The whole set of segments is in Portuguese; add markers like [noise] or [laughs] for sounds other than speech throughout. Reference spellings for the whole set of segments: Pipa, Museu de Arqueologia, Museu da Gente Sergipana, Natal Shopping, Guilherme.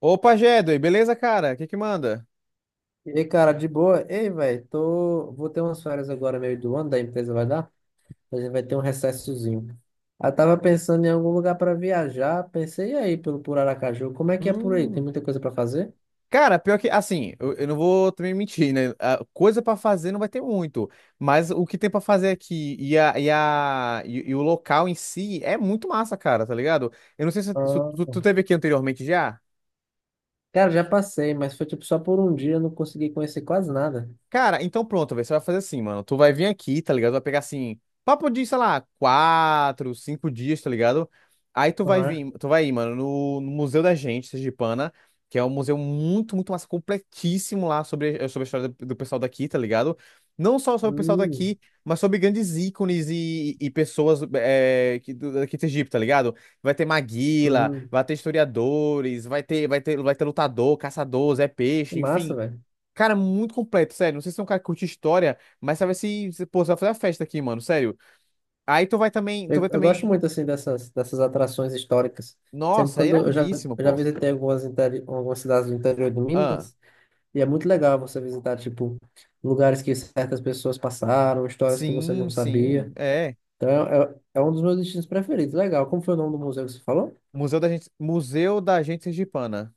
Opa, Jedway, beleza, cara? O que que manda? E aí, cara, de boa? Ei, velho, vou ter umas férias agora, meio do ano, da empresa vai dar? A gente vai ter um recessozinho. Eu tava pensando em algum lugar para viajar, pensei aí pelo por Aracaju. Como é que é por aí? Tem Hum, muita coisa para fazer? Cara, pior que, assim, eu não vou também mentir, né? A coisa pra fazer não vai ter muito, mas o que tem pra fazer aqui e o local em si é muito massa, cara, tá ligado? Eu não sei se Ah. tu teve aqui anteriormente já. Cara, já passei, mas foi tipo só por um dia, eu não consegui conhecer quase nada. Cara, então pronto, velho. Você vai fazer assim, mano. Tu vai vir aqui, tá ligado? Vai pegar assim, papo de, sei lá, quatro, cinco dias, tá ligado? Aí tu vai Aham. vir, tu vai ir, mano, no Museu da Gente, Sergipana, que é um museu muito, muito massa, completíssimo lá sobre, sobre a história do pessoal daqui, tá ligado? Não só sobre o pessoal Hum, daqui, mas sobre grandes ícones e pessoas daqui de Sergipe, tá ligado? Vai ter Maguila, hum. vai ter historiadores, vai ter lutador, caçador, Zé Que Peixe, massa, enfim. velho. Cara, muito completo, sério. Não sei se é um cara que curte história, mas sabe pô, você vai fazer a festa aqui, mano, sério. Aí tu vai também, tu Eu, vai eu também. gosto muito assim dessas atrações históricas. Sempre Nossa, é quando iradíssimo, eu já pô. visitei algumas, algumas cidades do interior do Ah, Minas. E é muito legal você visitar, tipo, lugares que certas pessoas passaram, histórias que você não sim, sim, sabia. é. Então, é um dos meus destinos preferidos. Legal. Como foi o nome do museu que você falou? Museu da Gente Sergipana.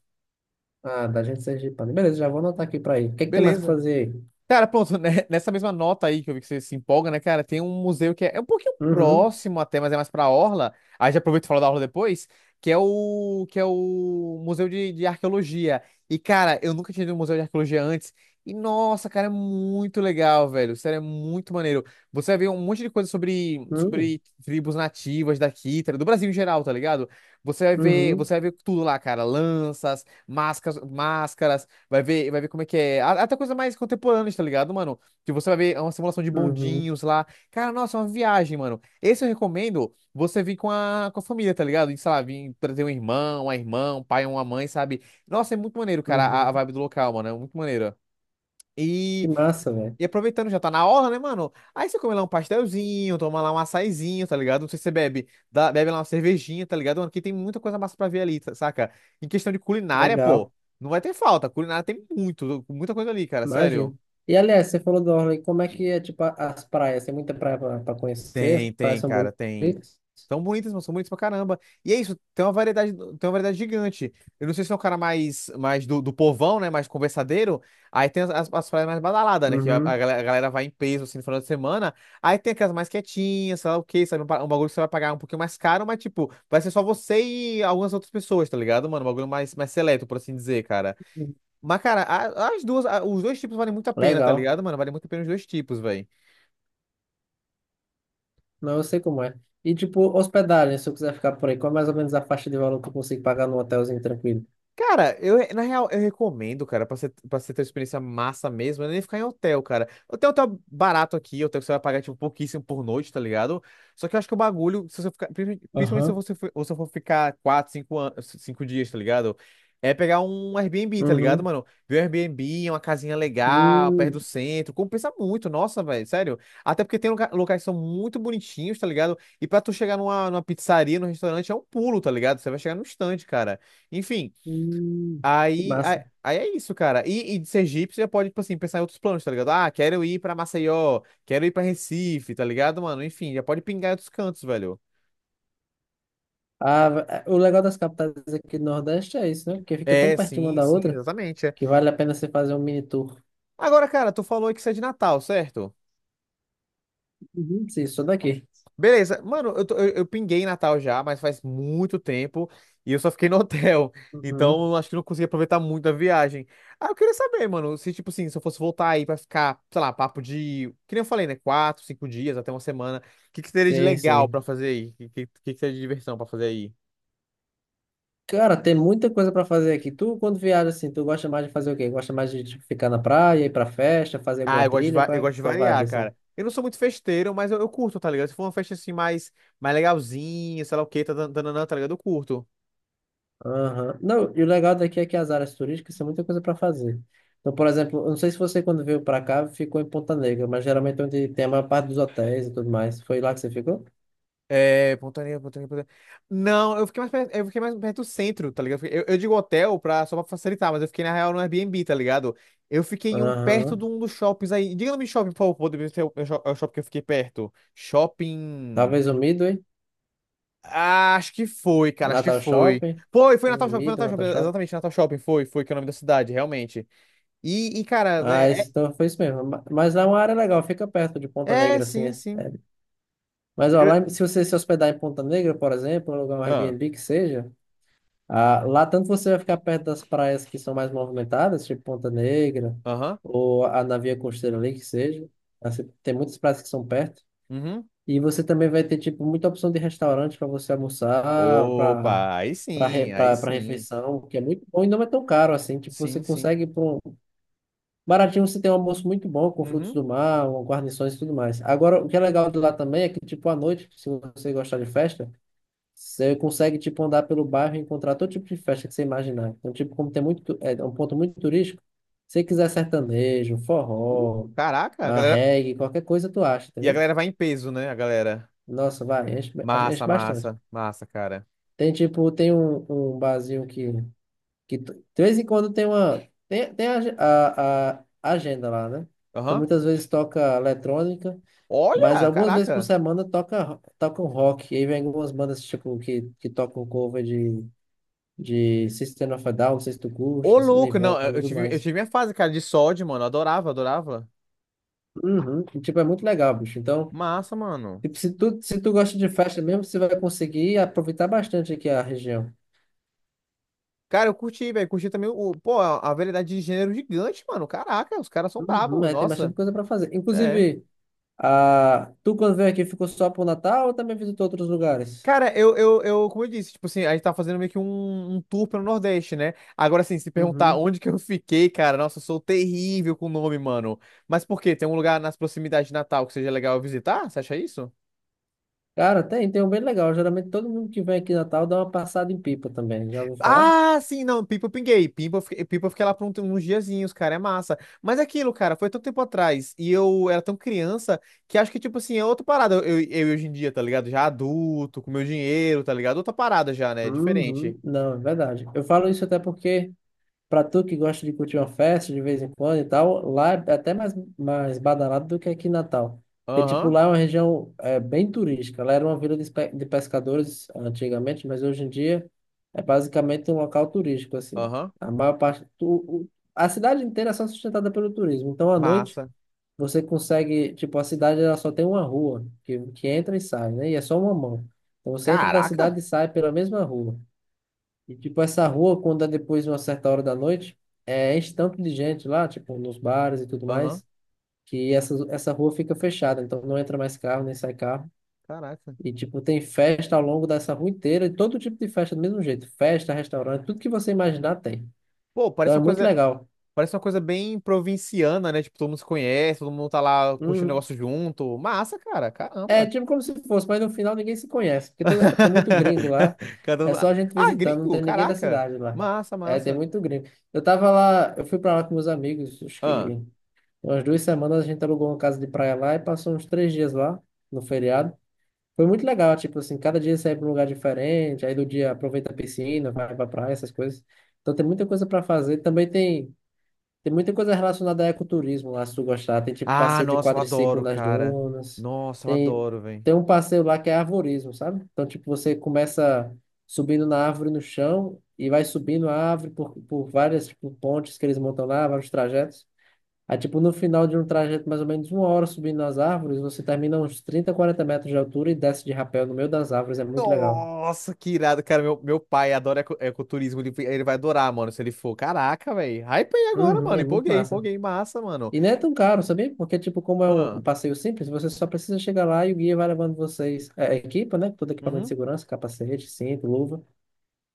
Ah, da gente Sergipana. Beleza, já vou anotar aqui pra ir. O que é que tem mais pra Beleza. fazer aí? Cara, pronto, né, [laughs] nessa mesma nota aí que eu vi que você se empolga, né, cara? Tem um museu que é um pouquinho Uhum, próximo até, mas é mais pra Orla. Aí já aproveito e falo da Orla depois, que é o Museu de Arqueologia. E, cara, eu nunca tinha ido no Museu de Arqueologia antes. E, nossa, cara, é muito legal, velho. Sério, é muito maneiro. Você vai ver um monte de coisa uhum, sobre tribos nativas daqui, tá ligado? Do Brasil em geral, tá ligado? Uhum, Você vai ver tudo lá, cara. Lanças, máscaras, máscaras. Vai ver como é que é. A- Até coisa mais contemporânea, tá ligado, mano? Que você vai ver é uma simulação de uhum, bondinhos lá. Cara, nossa, é uma viagem, mano. Esse eu recomendo você vir com a família, tá ligado? E, sei lá, vir trazer um irmão, uma irmã, um pai, uma mãe, sabe? Nossa, é muito maneiro, cara, a uhum. vibe do local, mano. É muito maneiro. Que E massa, velho. e aproveitando, já tá na orla, né, mano? Aí você come lá um pastelzinho, toma lá um açaizinho, tá ligado? Não sei se você bebe, dá- bebe lá uma cervejinha, tá ligado? Mano, que tem muita coisa massa pra ver ali, tá- saca? Em questão de culinária, pô, Legal. não vai ter falta. Culinária tem muito, muita coisa ali, cara, Imagina. sério. E, aliás, você falou do Orly, como é que é, tipo, as praias? Tem muita praia pra conhecer? As Tem, praias tem, são cara, tem. bonitas? São bonitas, mas são bonitas pra caramba. E é isso, tem uma variedade gigante. Eu não sei se é um cara mais, mais do povão, né? Mais conversadeiro. Aí tem as praias mais badaladas, né? Que a Uhum. galera vai em peso assim no final de semana. Aí tem aquelas mais quietinhas, sei lá o quê, sabe? Pa- um bagulho que você vai pagar um pouquinho mais caro, mas tipo, vai ser só você e algumas outras pessoas, tá ligado, mano? Um bagulho mais, mais seleto, por assim dizer, cara. Mas, cara, a- as duas, a- os dois tipos valem muito a pena, tá Legal. ligado, mano? Vale muito a pena os dois tipos, velho. Não, eu sei como é. E tipo, hospedagem, se eu quiser ficar por aí, qual é mais ou menos a faixa de valor que eu consigo pagar num hotelzinho tranquilo? Cara, eu, na real, eu recomendo, cara, pra você ter uma experiência massa mesmo, é nem ficar em hotel, cara. Hotel, hotel barato aqui, hotel que você vai pagar, tipo, pouquíssimo por noite, tá ligado? Só que eu acho que o bagulho, se você ficar, princi- principalmente se Aham. você for, ou se eu for ficar quatro, cinco, an- cinco dias, tá ligado? É pegar um Airbnb, tá ligado, Uhum. mano? Ver um Airbnb, uma casinha legal, perto do Hum. centro, compensa muito, nossa, velho, sério. Até porque tem loca- locais que são muito bonitinhos, tá ligado? E pra tu chegar numa pizzaria, num restaurante, é um pulo, tá ligado? Você vai chegar num instante, cara. Enfim. Hum. Que massa. Aí é isso, cara. E de Sergipe você pode, tipo assim, pensar em outros planos, tá ligado? Ah, quero ir pra Maceió, quero ir pra Recife, tá ligado, mano? Enfim, já pode pingar em outros cantos, velho. Ah, é, o legal das capitais aqui do Nordeste é isso, né? Porque fica tão É, pertinho uma sim, da sim, outra exatamente. É. que vale a pena você fazer um mini tour. Agora, cara, tu falou que você é de Natal, certo? Uhum. Sim, só daqui. Beleza, mano, eu, tô- eu pinguei em Natal já, mas faz muito tempo e eu só fiquei no [laughs] hotel. Então, Uhum. eu acho que não consegui aproveitar muito a viagem. Ah, eu queria saber, mano, se, tipo assim, se eu fosse voltar aí pra ficar, sei lá, papo de, que nem eu falei, né, quatro, cinco dias, até uma semana, o que que teria de Sim, legal pra sim. fazer aí? O que, que seria de diversão pra fazer aí? Cara, tem muita coisa pra fazer aqui. Tu, quando viaja assim, tu gosta mais de fazer o quê? Gosta mais de tipo, ficar na praia, ir pra festa, fazer Ah, alguma eu gosto de, trilha? va- Qual eu é a gosto de tua vibe variar, assim? cara. Eu não sou muito festeiro, mas eu curto, tá ligado? Se for uma festa assim mais, mais legalzinha, sei lá o quê, tá ligado? Eu curto. Aham. Não, e o legal daqui é que as áreas turísticas tem muita coisa para fazer. Então, por exemplo, eu não sei se você, quando veio para cá, ficou em Ponta Negra, mas geralmente é onde tem a maior parte dos hotéis e tudo mais. Foi lá que você ficou? É, Pontaria, Pontaria, Pontaria. Não, eu fiquei mais perto, eu fiquei mais perto do centro, tá ligado? Eu digo hotel pra, só pra facilitar, mas eu fiquei na real no Airbnb, tá ligado? Eu fiquei em um perto Aham. de um dos shoppings aí. Diga o nome de shopping, por favor, pra poder ver se é o shop- é o shopping que eu fiquei perto. Shopping. Talvez o Midway, Ah, acho que foi, cara, acho que Natal foi. Shopping. Foi, Tem foi Midway, Natal Shopping, Natal Shopping. exatamente, Natal Shopping, foi, foi, que é o nome da cidade, realmente. E, cara, Ah, é, esse, então foi isso mesmo. Mas lá é uma área legal, fica perto de Ponta é, é, Negra, assim. sim, É. sim. É. Mas Eu ó, devia- lá, se você se hospedar em Ponta Negra, por exemplo, um lugar um Ah, Airbnb que seja. Ah, lá tanto você vai ficar perto das praias que são mais movimentadas, tipo Ponta Negra, aham, ou a Navia Costeira ali, que seja. Assim, tem muitas praias que são perto. uhum. E você também vai ter, tipo, muita opção de restaurante para você almoçar, para Opa, aí para re, sim, aí pra- pra sim. refeição, que é muito bom e não é tão caro assim. Tipo, você Sim, sim. consegue, baratinho, você tem um almoço muito bom, com frutos Uhum. do mar, com guarnições e tudo mais. Agora, o que é legal de lá também é que, tipo, à noite, se você gostar de festa, você consegue, tipo, andar pelo bairro e encontrar todo tipo de festa que você imaginar. Então, tipo, como tem muito, é um ponto muito turístico, se você quiser sertanejo, Uh, forró, caraca, a a galera. reggae, qualquer coisa tu acha, E a entendeu? galera vai em peso, né? A galera. Nossa, vai, enche, enche Massa, bastante. massa, massa, cara. Tem, tipo, tem um barzinho que de vez em quando tem a agenda lá, né? Então, Aham. muitas vezes toca eletrônica, mas Olha, algumas vezes por caraca. semana toca um rock. E aí vem algumas bandas, tipo, que tocam cover de System of a Down, não se tu Ô, curte, louco. Não, Nirvana, tudo eu mais. tive minha fase, cara, de sódio, mano. Eu adorava, adorava. Uhum. E, tipo, é muito legal, bicho. Então, Massa, mano. tipo, se tu, se tu gosta de festa mesmo, você vai conseguir aproveitar bastante aqui a região. Cara, eu curti, velho. Curti também o. Pô, a variedade de gênero gigante, mano. Caraca, os caras são Uhum. brabos. É, tem bastante Nossa. coisa para fazer. É. Inclusive, tu quando veio aqui ficou só pro Natal ou também visitou outros lugares? Cara, eu, como eu disse, tipo assim, a gente tá fazendo meio que um tour pelo Nordeste, né? Agora, assim, se perguntar Uhum. onde que eu fiquei, cara, nossa, eu sou terrível com o nome, mano. Mas por quê? Tem um lugar nas proximidades de Natal que seja legal eu visitar? Você acha isso? Cara, tem um bem legal. Geralmente todo mundo que vem aqui em Natal dá uma passada em Pipa também. Já ouviu falar? Ah, sim, não, Pipa eu pinguei. Pipa eu fiquei lá por um- uns diazinhos, cara, é massa. Mas é aquilo, cara, foi tanto tempo atrás e eu era tão criança que acho que, tipo assim, é outra parada eu hoje em dia, tá ligado? Já adulto, com meu dinheiro, tá ligado? Outra parada já, né? Diferente. Uhum. Não, é verdade. Eu falo isso até porque pra tu que gosta de curtir uma festa de vez em quando e tal, lá é até mais badalado do que aqui em Natal. E, tipo, Aham, lá é uma região bem turística. Lá era uma vila de, de pescadores antigamente, mas hoje em dia é basicamente um local turístico, assim. aham, A maior parte... a cidade inteira é só sustentada pelo turismo. Então, à noite, massa. você consegue... Tipo, a cidade ela só tem uma rua que entra e sai, né? E é só uma mão. Então, você entra da Caraca! cidade e sai pela mesma rua. E, tipo, essa rua, quando é depois de uma certa hora da noite, é enche tanto de gente lá, tipo, nos bares e tudo Aham, mais, que essa rua fica fechada, então não entra mais carro, nem sai carro. caraca. E, tipo, tem festa ao longo dessa rua inteira, e todo tipo de festa do mesmo jeito. Festa, restaurante, tudo que você imaginar tem. Pô, Então é muito legal. parece uma coisa bem provinciana, né? Tipo, todo mundo se conhece, todo mundo tá lá curtindo o Hum, negócio junto. Massa, cara, é caramba. tipo como se fosse, mas no final ninguém se conhece, porque tem muito gringo [laughs] lá. Cada um... É só a gente Ah, visitando, não gringo, tem ninguém da caraca. cidade lá. Massa, É, tem massa. muito gringo. Eu tava lá, eu fui pra lá com meus amigos, acho Ah, que. Umas 2 semanas a gente alugou uma casa de praia lá e passou uns 3 dias lá, no feriado. Foi muito legal, tipo assim, cada dia sai para um lugar diferente, aí do dia aproveita a piscina, vai pra praia, essas coisas. Então tem muita coisa para fazer. Também tem muita coisa relacionada a ecoturismo lá, se tu gostar. Tem tipo ah, passeio de nossa, eu quadriciclo adoro, nas cara. dunas. Nossa, eu Tem, adoro, velho. tem um passeio lá que é arvorismo, sabe? Então, tipo, você começa subindo na árvore no chão e vai subindo a árvore por várias, tipo, pontes que eles montam lá, vários trajetos. Aí, tipo, no final de um trajeto, mais ou menos 1 hora subindo nas árvores, você termina uns 30, 40 metros de altura e desce de rapel no meio das árvores. É muito legal. Nossa, que irado, cara. Meu pai adora eco- ecoturismo. Ele vai adorar, mano, se ele for. Caraca, velho. Hypei agora, Uhum, mano. é muito Empolguei, massa. empolguei. Massa, mano. E não é tão caro, sabia? Porque, tipo, como é Ah, um passeio simples, você só precisa chegar lá e o guia vai levando vocês. É, a equipa, né? Todo equipamento de uhum. segurança, capacete, cinto, luva.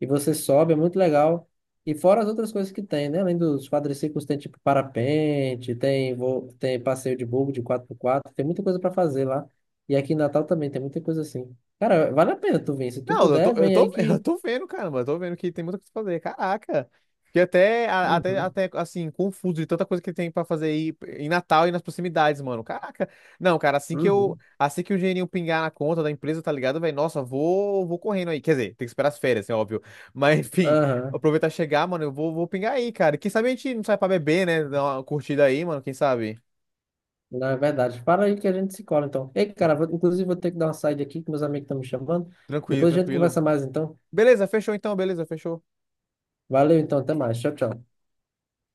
E você sobe, é muito legal. E fora as outras coisas que tem, né? Além dos quadriciclos, tem tipo parapente, tem passeio de buggy de 4x4. Tem muita coisa para fazer lá. E aqui em Natal também tem muita coisa assim. Cara, vale a pena tu vir. Se tu Não, puder, eu vem aí tô, [laughs] eu que. tô vendo, caramba, eu tô vendo que tem muita coisa pra fazer. Caraca! Fiquei até, a- Uhum, até, assim, confuso de tanta coisa que tem pra fazer aí em Natal e nas proximidades, mano. Caraca! Não, cara, assim que eu, uhum, assim que o dinheirinho pingar na conta da empresa, tá ligado, velho? Nossa, vou, vou correndo aí. Quer dizer, tem que esperar as férias, é óbvio. [laughs] Mas, enfim, aham. aproveitar e chegar, mano, eu vou, vou pingar aí, cara. Quem sabe a gente não sai pra beber, né? Dar uma curtida aí, mano, quem sabe? Não, é verdade. Para aí que a gente se cola, então. Ei, cara, inclusive vou ter que dar uma saída aqui, que meus amigos estão me chamando. Tranquilo, Depois a gente tranquilo. conversa mais, então. Beleza, fechou então, beleza, fechou. Valeu, então. Até mais. Tchau, tchau.